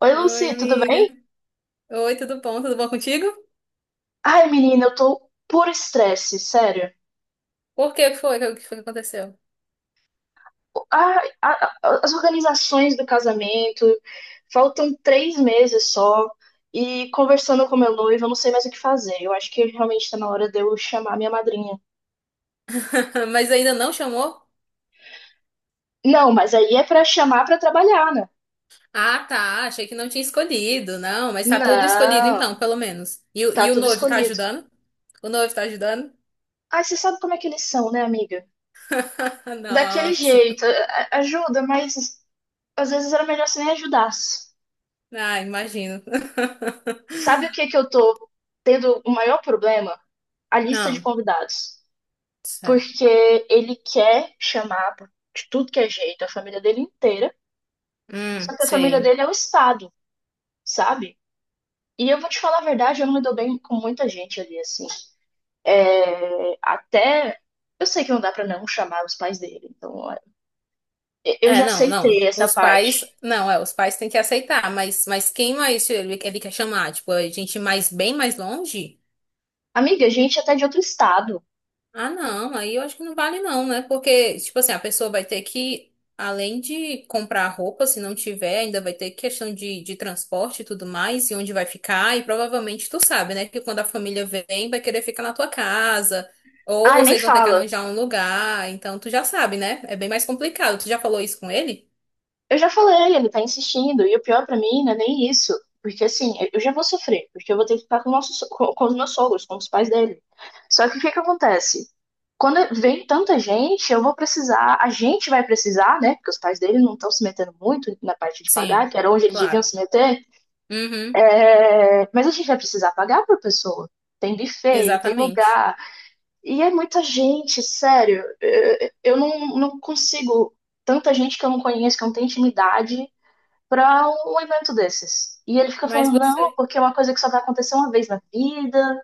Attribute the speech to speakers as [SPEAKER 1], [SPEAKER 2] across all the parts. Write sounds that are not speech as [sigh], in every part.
[SPEAKER 1] Oi,
[SPEAKER 2] Oi,
[SPEAKER 1] Lucy, tudo
[SPEAKER 2] amiga.
[SPEAKER 1] bem?
[SPEAKER 2] Oi, tudo bom? Tudo bom contigo?
[SPEAKER 1] Ai, menina, eu tô por estresse, sério.
[SPEAKER 2] Por que foi? O que foi que aconteceu?
[SPEAKER 1] As organizações do casamento, faltam 3 meses só, e conversando com meu noivo, eu não sei mais o que fazer. Eu acho que realmente tá na hora de eu chamar minha madrinha.
[SPEAKER 2] [laughs] Mas ainda não chamou?
[SPEAKER 1] Não, mas aí é pra chamar pra trabalhar, né?
[SPEAKER 2] Ah, tá. Achei que não tinha escolhido. Não, mas tá tudo escolhido
[SPEAKER 1] Não,
[SPEAKER 2] então, pelo menos. E,
[SPEAKER 1] tá
[SPEAKER 2] e o
[SPEAKER 1] tudo
[SPEAKER 2] noivo tá
[SPEAKER 1] escolhido.
[SPEAKER 2] ajudando? O noivo tá ajudando?
[SPEAKER 1] Ai, você sabe como é que eles são, né, amiga?
[SPEAKER 2] [laughs]
[SPEAKER 1] Daquele
[SPEAKER 2] Nossa.
[SPEAKER 1] jeito, ajuda, mas às vezes era melhor você nem ajudasse.
[SPEAKER 2] Ah, imagino.
[SPEAKER 1] Sabe o que que
[SPEAKER 2] [laughs]
[SPEAKER 1] eu tô tendo o maior problema? A lista de
[SPEAKER 2] Não,
[SPEAKER 1] convidados.
[SPEAKER 2] certo.
[SPEAKER 1] Porque ele quer chamar de tudo que é jeito a família dele inteira, só que a família
[SPEAKER 2] Sei.
[SPEAKER 1] dele é o Estado, sabe? E eu vou te falar a verdade, eu não me dou bem com muita gente ali, assim. É, até. Eu sei que não dá pra não chamar os pais dele, então é, eu
[SPEAKER 2] É,
[SPEAKER 1] já
[SPEAKER 2] não, não.
[SPEAKER 1] aceitei essa
[SPEAKER 2] Os pais,
[SPEAKER 1] parte.
[SPEAKER 2] não, é, os pais têm que aceitar, mas quem mais ele, quer chamar? Tipo, a gente mais bem mais longe?
[SPEAKER 1] Amiga, gente até de outro estado.
[SPEAKER 2] Ah, não, aí eu acho que não vale não, né? Porque, tipo assim, a pessoa vai ter que, além de comprar roupa, se não tiver, ainda vai ter questão de transporte e tudo mais, e onde vai ficar, e provavelmente tu sabe, né? Que quando a família vem, vai querer ficar na tua casa, ou
[SPEAKER 1] Ai, nem
[SPEAKER 2] vocês vão ter que
[SPEAKER 1] fala.
[SPEAKER 2] arranjar um lugar, então tu já sabe, né? É bem mais complicado. Tu já falou isso com ele?
[SPEAKER 1] Eu já falei, ele tá insistindo. E o pior pra mim não é nem isso. Porque assim, eu já vou sofrer. Porque eu vou ter que ficar com, o nosso com os meus sogros, com os pais dele. Só que o que que acontece? Quando vem tanta gente, eu vou precisar, a gente vai precisar, né? Porque os pais dele não estão se metendo muito na parte de pagar,
[SPEAKER 2] Sim,
[SPEAKER 1] que era onde eles deviam
[SPEAKER 2] claro.
[SPEAKER 1] se meter.
[SPEAKER 2] Uhum,
[SPEAKER 1] É, mas a gente vai precisar pagar por pessoa. Tem buffet, tem
[SPEAKER 2] exatamente.
[SPEAKER 1] lugar. E é muita gente, sério. Eu não consigo. Tanta gente que eu não conheço, que eu não tenho intimidade, pra um evento desses. E ele fica
[SPEAKER 2] Mas
[SPEAKER 1] falando, não,
[SPEAKER 2] você.
[SPEAKER 1] porque é uma coisa que só vai acontecer uma vez na vida.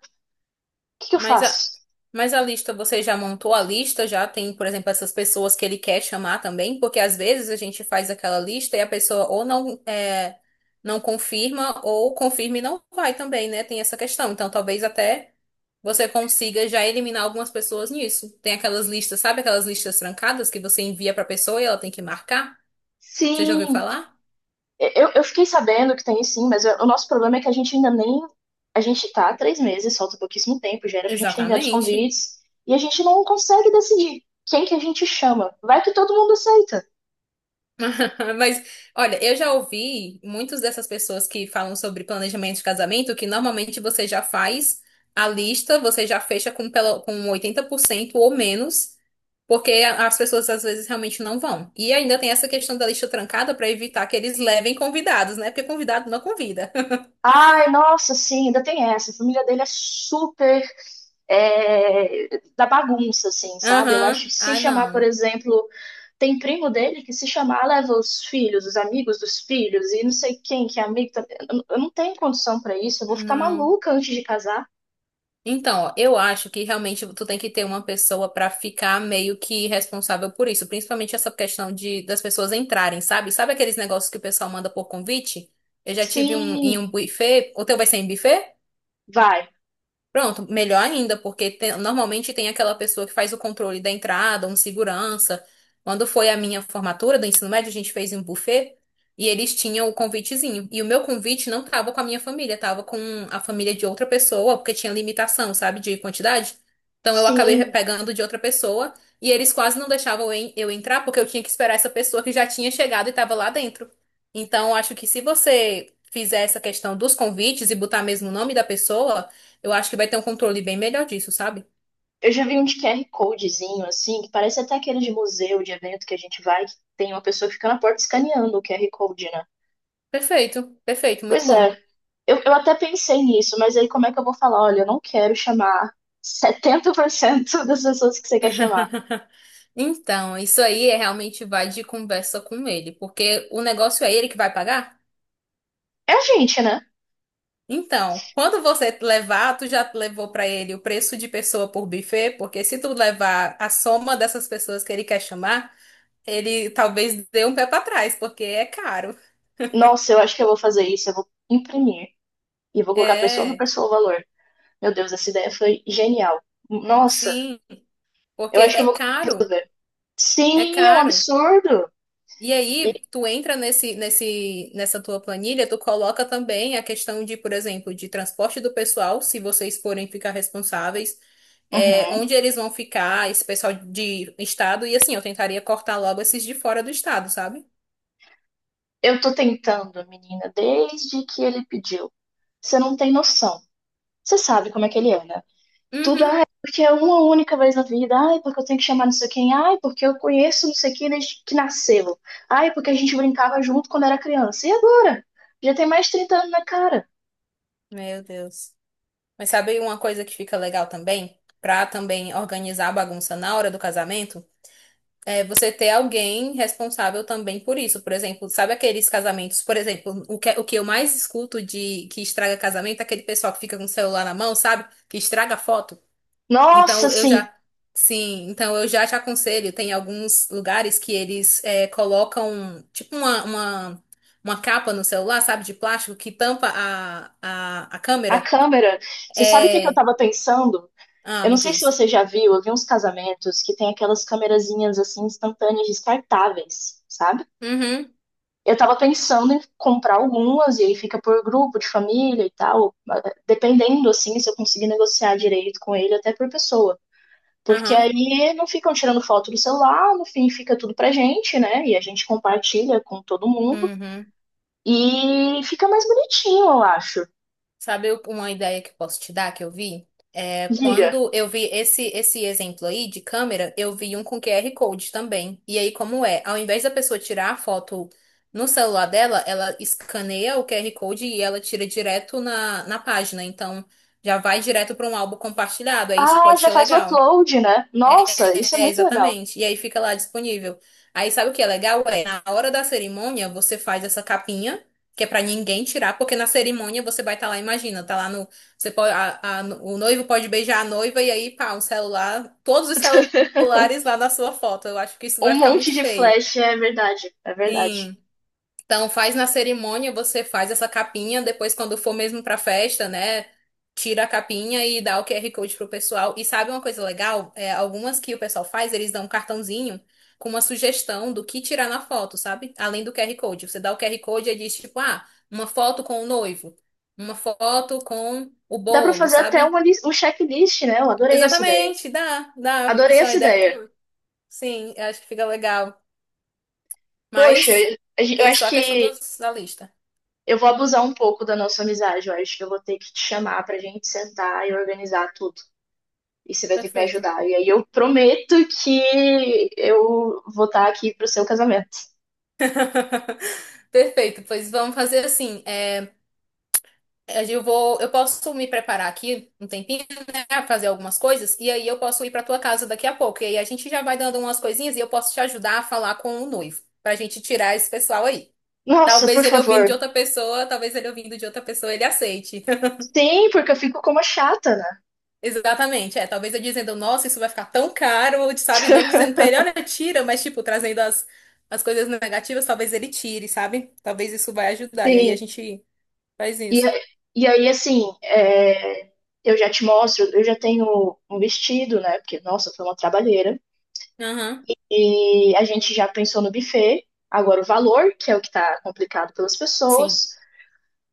[SPEAKER 1] O que que eu
[SPEAKER 2] Mas a,
[SPEAKER 1] faço?
[SPEAKER 2] mas a lista, você já montou a lista? Já tem, por exemplo, essas pessoas que ele quer chamar também? Porque às vezes a gente faz aquela lista e a pessoa ou não, é, não confirma ou confirma e não vai também, né? Tem essa questão. Então talvez até você consiga já eliminar algumas pessoas nisso. Tem aquelas listas, sabe aquelas listas trancadas que você envia pra pessoa e ela tem que marcar? Você já ouviu
[SPEAKER 1] Sim,
[SPEAKER 2] falar?
[SPEAKER 1] eu fiquei sabendo que tem sim, mas o nosso problema é que a gente ainda nem. A gente tá há 3 meses, falta pouquíssimo tempo, já era pra gente ter enviado os
[SPEAKER 2] Exatamente.
[SPEAKER 1] convites, e a gente não consegue decidir quem que a gente chama. Vai que todo mundo aceita.
[SPEAKER 2] [laughs] Mas, olha, eu já ouvi muitas dessas pessoas que falam sobre planejamento de casamento, que normalmente você já faz a lista, você já fecha com 80% ou menos, porque as pessoas às vezes realmente não vão. E ainda tem essa questão da lista trancada para evitar que eles levem convidados, né? Porque convidado não convida.
[SPEAKER 1] Ai, nossa, sim, ainda tem essa. A família dele é super é, da bagunça, assim,
[SPEAKER 2] [laughs]
[SPEAKER 1] sabe? Eu acho que
[SPEAKER 2] Aham.
[SPEAKER 1] se
[SPEAKER 2] Ah,
[SPEAKER 1] chamar, por
[SPEAKER 2] não.
[SPEAKER 1] exemplo, tem primo dele que se chamar leva os filhos, os amigos dos filhos e não sei quem que é amigo. Eu não tenho condição pra isso, eu vou ficar
[SPEAKER 2] Não.
[SPEAKER 1] maluca antes de casar.
[SPEAKER 2] Então, ó, eu acho que realmente tu tem que ter uma pessoa pra ficar meio que responsável por isso, principalmente essa questão de das pessoas entrarem, sabe? Sabe aqueles negócios que o pessoal manda por convite? Eu já tive um
[SPEAKER 1] Sim,
[SPEAKER 2] em um buffet, o teu vai ser em buffet?
[SPEAKER 1] vai.
[SPEAKER 2] Pronto, melhor ainda, porque normalmente tem aquela pessoa que faz o controle da entrada, um segurança. Quando foi a minha formatura do ensino médio, a gente fez em um buffet e eles tinham o convitezinho. E o meu convite não tava com a minha família, tava com a família de outra pessoa, porque tinha limitação, sabe, de quantidade. Então eu acabei
[SPEAKER 1] Sim.
[SPEAKER 2] pegando de outra pessoa e eles quase não deixavam eu entrar, porque eu tinha que esperar essa pessoa que já tinha chegado e tava lá dentro. Então, eu acho que se você fizer essa questão dos convites e botar mesmo o nome da pessoa. Eu acho que vai ter um controle bem melhor disso, sabe?
[SPEAKER 1] Eu já vi um de QR Codezinho, assim, que parece até aquele de museu, de evento que a gente vai, que tem uma pessoa que fica na porta escaneando o QR Code, né?
[SPEAKER 2] Perfeito, perfeito, muito
[SPEAKER 1] Pois
[SPEAKER 2] bom.
[SPEAKER 1] é. Eu até pensei nisso, mas aí como é que eu vou falar? Olha, eu não quero chamar 70% [laughs] das pessoas que você quer chamar.
[SPEAKER 2] [laughs] Então, isso aí é realmente vai de conversa com ele, porque o negócio é ele que vai pagar.
[SPEAKER 1] É a gente, né?
[SPEAKER 2] Então, quando você levar, tu já levou pra ele o preço de pessoa por buffet, porque se tu levar a soma dessas pessoas que ele quer chamar, ele talvez dê um pé pra trás, porque é caro.
[SPEAKER 1] Nossa, eu acho que eu vou fazer isso, eu vou imprimir e vou colocar pessoa por
[SPEAKER 2] É,
[SPEAKER 1] pessoa o valor. Meu Deus, essa ideia foi genial. Nossa,
[SPEAKER 2] sim,
[SPEAKER 1] eu
[SPEAKER 2] porque
[SPEAKER 1] acho que eu
[SPEAKER 2] é
[SPEAKER 1] vou
[SPEAKER 2] caro,
[SPEAKER 1] fazer.
[SPEAKER 2] é
[SPEAKER 1] Sim, é um
[SPEAKER 2] caro.
[SPEAKER 1] absurdo.
[SPEAKER 2] E
[SPEAKER 1] E-
[SPEAKER 2] aí, tu entra nessa tua planilha, tu coloca também a questão de, por exemplo, de transporte do pessoal, se vocês forem ficar responsáveis, é,
[SPEAKER 1] Uhum.
[SPEAKER 2] onde eles vão ficar, esse pessoal de estado, e assim, eu tentaria cortar logo esses de fora do estado, sabe?
[SPEAKER 1] Eu tô tentando, menina, desde que ele pediu. Você não tem noção. Você sabe como é que ele é, né? Tudo,
[SPEAKER 2] Uhum.
[SPEAKER 1] ai, porque é uma única vez na vida. Ai, porque eu tenho que chamar não sei quem. Ai, porque eu conheço não sei quem desde que nasceu. Ai, porque a gente brincava junto quando era criança. E agora? Já tem mais de 30 anos na cara.
[SPEAKER 2] Meu Deus. Mas sabe uma coisa que fica legal também? Pra também organizar a bagunça na hora do casamento? É, você ter alguém responsável também por isso. Por exemplo, sabe aqueles casamentos, por exemplo, o que eu mais escuto de que estraga casamento é aquele pessoal que fica com o celular na mão, sabe? Que estraga foto.
[SPEAKER 1] Nossa,
[SPEAKER 2] Então eu
[SPEAKER 1] assim,
[SPEAKER 2] já, sim, então eu já te aconselho, tem alguns lugares que eles é, colocam tipo uma capa no celular, sabe, de plástico que tampa a
[SPEAKER 1] a
[SPEAKER 2] câmera.
[SPEAKER 1] câmera. Você sabe o que que eu
[SPEAKER 2] É.
[SPEAKER 1] tava pensando?
[SPEAKER 2] Ah,
[SPEAKER 1] Eu não
[SPEAKER 2] me
[SPEAKER 1] sei se
[SPEAKER 2] diz.
[SPEAKER 1] você já viu, eu vi uns casamentos que tem aquelas câmerazinhas assim instantâneas descartáveis, sabe?
[SPEAKER 2] Uhum,
[SPEAKER 1] Eu tava pensando em comprar algumas e aí fica por grupo de família e tal, dependendo assim se eu conseguir negociar direito com ele até por pessoa. Porque
[SPEAKER 2] uhum,
[SPEAKER 1] aí não ficam tirando foto do celular, no fim fica tudo pra gente, né? E a gente compartilha com todo mundo
[SPEAKER 2] uhum.
[SPEAKER 1] e fica mais bonitinho, eu acho.
[SPEAKER 2] Sabe uma ideia que eu posso te dar que eu vi? É,
[SPEAKER 1] Diga.
[SPEAKER 2] quando eu vi esse exemplo aí de câmera, eu vi um com QR Code também. E aí, como é? Ao invés da pessoa tirar a foto no celular dela, ela escaneia o QR Code e ela tira direto na página. Então, já vai direto para um álbum compartilhado. Aí isso
[SPEAKER 1] Ah,
[SPEAKER 2] pode
[SPEAKER 1] já
[SPEAKER 2] ser
[SPEAKER 1] faz o
[SPEAKER 2] legal.
[SPEAKER 1] upload, né? Nossa, isso é
[SPEAKER 2] É,
[SPEAKER 1] muito legal.
[SPEAKER 2] exatamente. E aí fica lá disponível. Aí sabe o que é legal? É, na hora da cerimônia, você faz essa capinha, que é pra ninguém tirar, porque na cerimônia você vai estar lá, imagina, tá lá no. Você pode, o noivo pode beijar a noiva e aí, pá, um celular, todos os
[SPEAKER 1] [laughs]
[SPEAKER 2] celulares lá na sua foto. Eu acho que isso
[SPEAKER 1] Um
[SPEAKER 2] vai ficar
[SPEAKER 1] monte
[SPEAKER 2] muito
[SPEAKER 1] de
[SPEAKER 2] feio.
[SPEAKER 1] flash, é verdade, é verdade.
[SPEAKER 2] Sim. Então, faz na cerimônia, você faz essa capinha, depois quando for mesmo pra festa, né? Tira a capinha e dá o QR Code pro pessoal. E sabe uma coisa legal? É, algumas que o pessoal faz, eles dão um cartãozinho com uma sugestão do que tirar na foto, sabe? Além do QR Code. Você dá o QR Code e diz, tipo, ah, uma foto com o noivo, uma foto com o
[SPEAKER 1] Dá pra
[SPEAKER 2] bolo,
[SPEAKER 1] fazer até
[SPEAKER 2] sabe?
[SPEAKER 1] um checklist, né? Eu adorei essa ideia.
[SPEAKER 2] Exatamente, dá, dá.
[SPEAKER 1] Adorei
[SPEAKER 2] Isso é uma
[SPEAKER 1] essa
[SPEAKER 2] ideia muito
[SPEAKER 1] ideia.
[SPEAKER 2] boa. Sim, eu acho que fica legal.
[SPEAKER 1] Poxa,
[SPEAKER 2] Mas
[SPEAKER 1] eu
[SPEAKER 2] é só
[SPEAKER 1] acho
[SPEAKER 2] a
[SPEAKER 1] que
[SPEAKER 2] questão da lista.
[SPEAKER 1] eu vou abusar um pouco da nossa amizade. Eu acho que eu vou ter que te chamar pra gente sentar e organizar tudo. E você vai ter que me
[SPEAKER 2] Perfeito.
[SPEAKER 1] ajudar. E aí eu prometo que eu vou estar aqui pro seu casamento.
[SPEAKER 2] [laughs] Perfeito, pois vamos fazer assim. É, eu posso me preparar aqui um tempinho, né, fazer algumas coisas e aí eu posso ir para tua casa daqui a pouco. E aí a gente já vai dando umas coisinhas e eu posso te ajudar a falar com o noivo pra gente tirar esse pessoal aí.
[SPEAKER 1] Nossa, por favor.
[SPEAKER 2] Talvez ele ouvindo de outra pessoa ele aceite. [laughs]
[SPEAKER 1] Sim, porque eu fico como a chata, né?
[SPEAKER 2] Exatamente, é. Talvez eu dizendo, nossa, isso vai ficar tão caro, sabe? Não dizendo pra
[SPEAKER 1] [laughs]
[SPEAKER 2] ele, olha, tira, mas tipo trazendo as coisas negativas, talvez ele tire, sabe? Talvez isso vai ajudar. E aí a
[SPEAKER 1] Sim.
[SPEAKER 2] gente faz
[SPEAKER 1] E,
[SPEAKER 2] isso.
[SPEAKER 1] a- e aí, assim, eu já te mostro, eu já tenho um vestido, né? Porque, nossa, foi uma trabalheira.
[SPEAKER 2] Aham,
[SPEAKER 1] E a gente já pensou no buffet, agora o valor, que é o que tá complicado pelas
[SPEAKER 2] sim.
[SPEAKER 1] pessoas.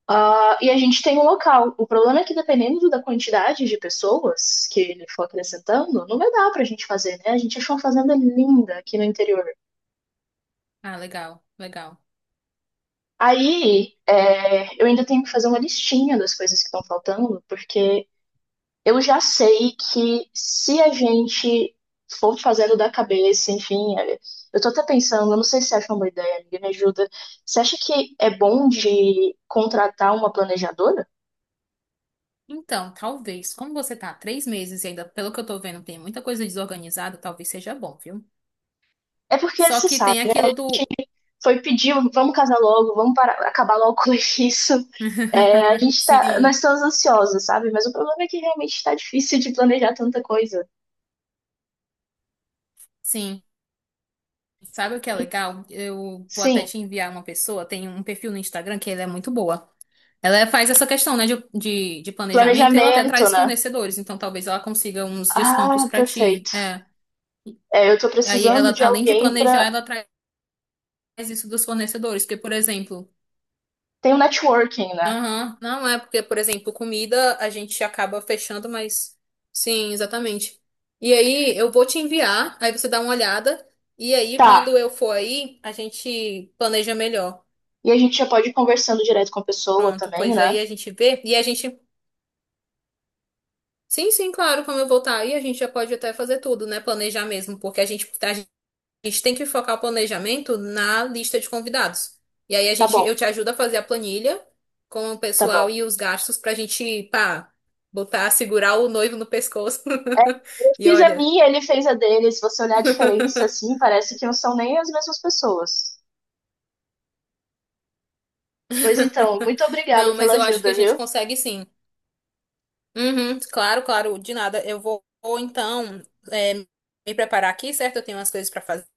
[SPEAKER 1] Ah, e a gente tem um local. O problema é que, dependendo da quantidade de pessoas que ele for acrescentando, não vai dar pra gente fazer, né? A gente achou uma fazenda linda aqui no interior.
[SPEAKER 2] Ah, legal, legal.
[SPEAKER 1] Aí, eu ainda tenho que fazer uma listinha das coisas que estão faltando, porque eu já sei que se a gente for fazendo da cabeça, enfim, eu tô até pensando, eu não sei se você acha uma boa ideia, amiga, me ajuda. Você acha que é bom de contratar uma planejadora?
[SPEAKER 2] Então, talvez, como você tá há 3 meses e ainda, pelo que eu tô vendo, tem muita coisa desorganizada, talvez seja bom, viu?
[SPEAKER 1] É porque
[SPEAKER 2] Só
[SPEAKER 1] você
[SPEAKER 2] que
[SPEAKER 1] sabe,
[SPEAKER 2] tem aquilo do.
[SPEAKER 1] foi pedir, vamos casar logo, vamos parar, acabar logo com [laughs] isso. É, a
[SPEAKER 2] [laughs]
[SPEAKER 1] gente tá, nós
[SPEAKER 2] Sim.
[SPEAKER 1] estamos ansiosos, sabe? Mas o problema é que realmente tá difícil de planejar tanta coisa.
[SPEAKER 2] Sim. Sabe o que é
[SPEAKER 1] E,
[SPEAKER 2] legal? Eu vou até
[SPEAKER 1] sim,
[SPEAKER 2] te enviar uma pessoa, tem um perfil no Instagram que ela é muito boa. Ela faz essa questão, né, de planejamento e ela até
[SPEAKER 1] planejamento,
[SPEAKER 2] traz
[SPEAKER 1] né?
[SPEAKER 2] fornecedores, então talvez ela consiga uns descontos
[SPEAKER 1] Ah,
[SPEAKER 2] pra ti.
[SPEAKER 1] perfeito.
[SPEAKER 2] É.
[SPEAKER 1] É, eu tô
[SPEAKER 2] Aí
[SPEAKER 1] precisando
[SPEAKER 2] ela,
[SPEAKER 1] de
[SPEAKER 2] além de
[SPEAKER 1] alguém
[SPEAKER 2] planejar,
[SPEAKER 1] pra.
[SPEAKER 2] ela traz isso dos fornecedores, porque, por exemplo.
[SPEAKER 1] Tem o networking, né?
[SPEAKER 2] Aham, não é porque, por exemplo, comida a gente acaba fechando, mas sim, exatamente. E aí eu vou te enviar, aí você dá uma olhada, e aí
[SPEAKER 1] Tá.
[SPEAKER 2] quando eu for aí, a gente planeja melhor.
[SPEAKER 1] E a gente já pode ir conversando direto com a pessoa
[SPEAKER 2] Pronto,
[SPEAKER 1] também,
[SPEAKER 2] pois aí
[SPEAKER 1] né?
[SPEAKER 2] a gente vê, e a gente, sim, sim, claro, quando eu voltar aí, a gente já pode até fazer tudo, né? Planejar mesmo, porque a gente tem que focar o planejamento na lista de convidados. E aí
[SPEAKER 1] Tá bom,
[SPEAKER 2] eu te ajudo a fazer a planilha com o
[SPEAKER 1] tá
[SPEAKER 2] pessoal
[SPEAKER 1] bom.
[SPEAKER 2] e os gastos pra gente, pá, botar, segurar o noivo no pescoço.
[SPEAKER 1] Eu
[SPEAKER 2] [laughs] E
[SPEAKER 1] fiz a
[SPEAKER 2] olha.
[SPEAKER 1] minha, ele fez a dele. Se você olhar a diferença, assim,
[SPEAKER 2] [laughs]
[SPEAKER 1] parece que não são nem as mesmas pessoas. Pois então, muito obrigada
[SPEAKER 2] Não,
[SPEAKER 1] pela
[SPEAKER 2] mas eu acho que a
[SPEAKER 1] ajuda,
[SPEAKER 2] gente
[SPEAKER 1] viu?
[SPEAKER 2] consegue sim. Uhum, claro, claro, de nada. Eu vou, então é, me preparar aqui, certo? Eu tenho umas coisas pra fazer.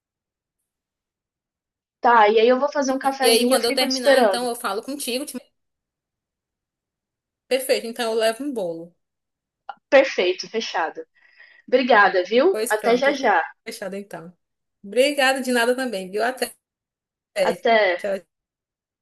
[SPEAKER 1] Tá, e aí eu vou fazer um
[SPEAKER 2] E aí,
[SPEAKER 1] cafezinho e eu
[SPEAKER 2] quando eu
[SPEAKER 1] fico te
[SPEAKER 2] terminar, então
[SPEAKER 1] esperando.
[SPEAKER 2] eu falo contigo. Perfeito, então eu levo um bolo.
[SPEAKER 1] Perfeito, fechado. Obrigada, viu?
[SPEAKER 2] Pois
[SPEAKER 1] Até
[SPEAKER 2] pronto,
[SPEAKER 1] já já.
[SPEAKER 2] fechado então. Obrigada de nada também, viu? Até.
[SPEAKER 1] Até.
[SPEAKER 2] Tchau,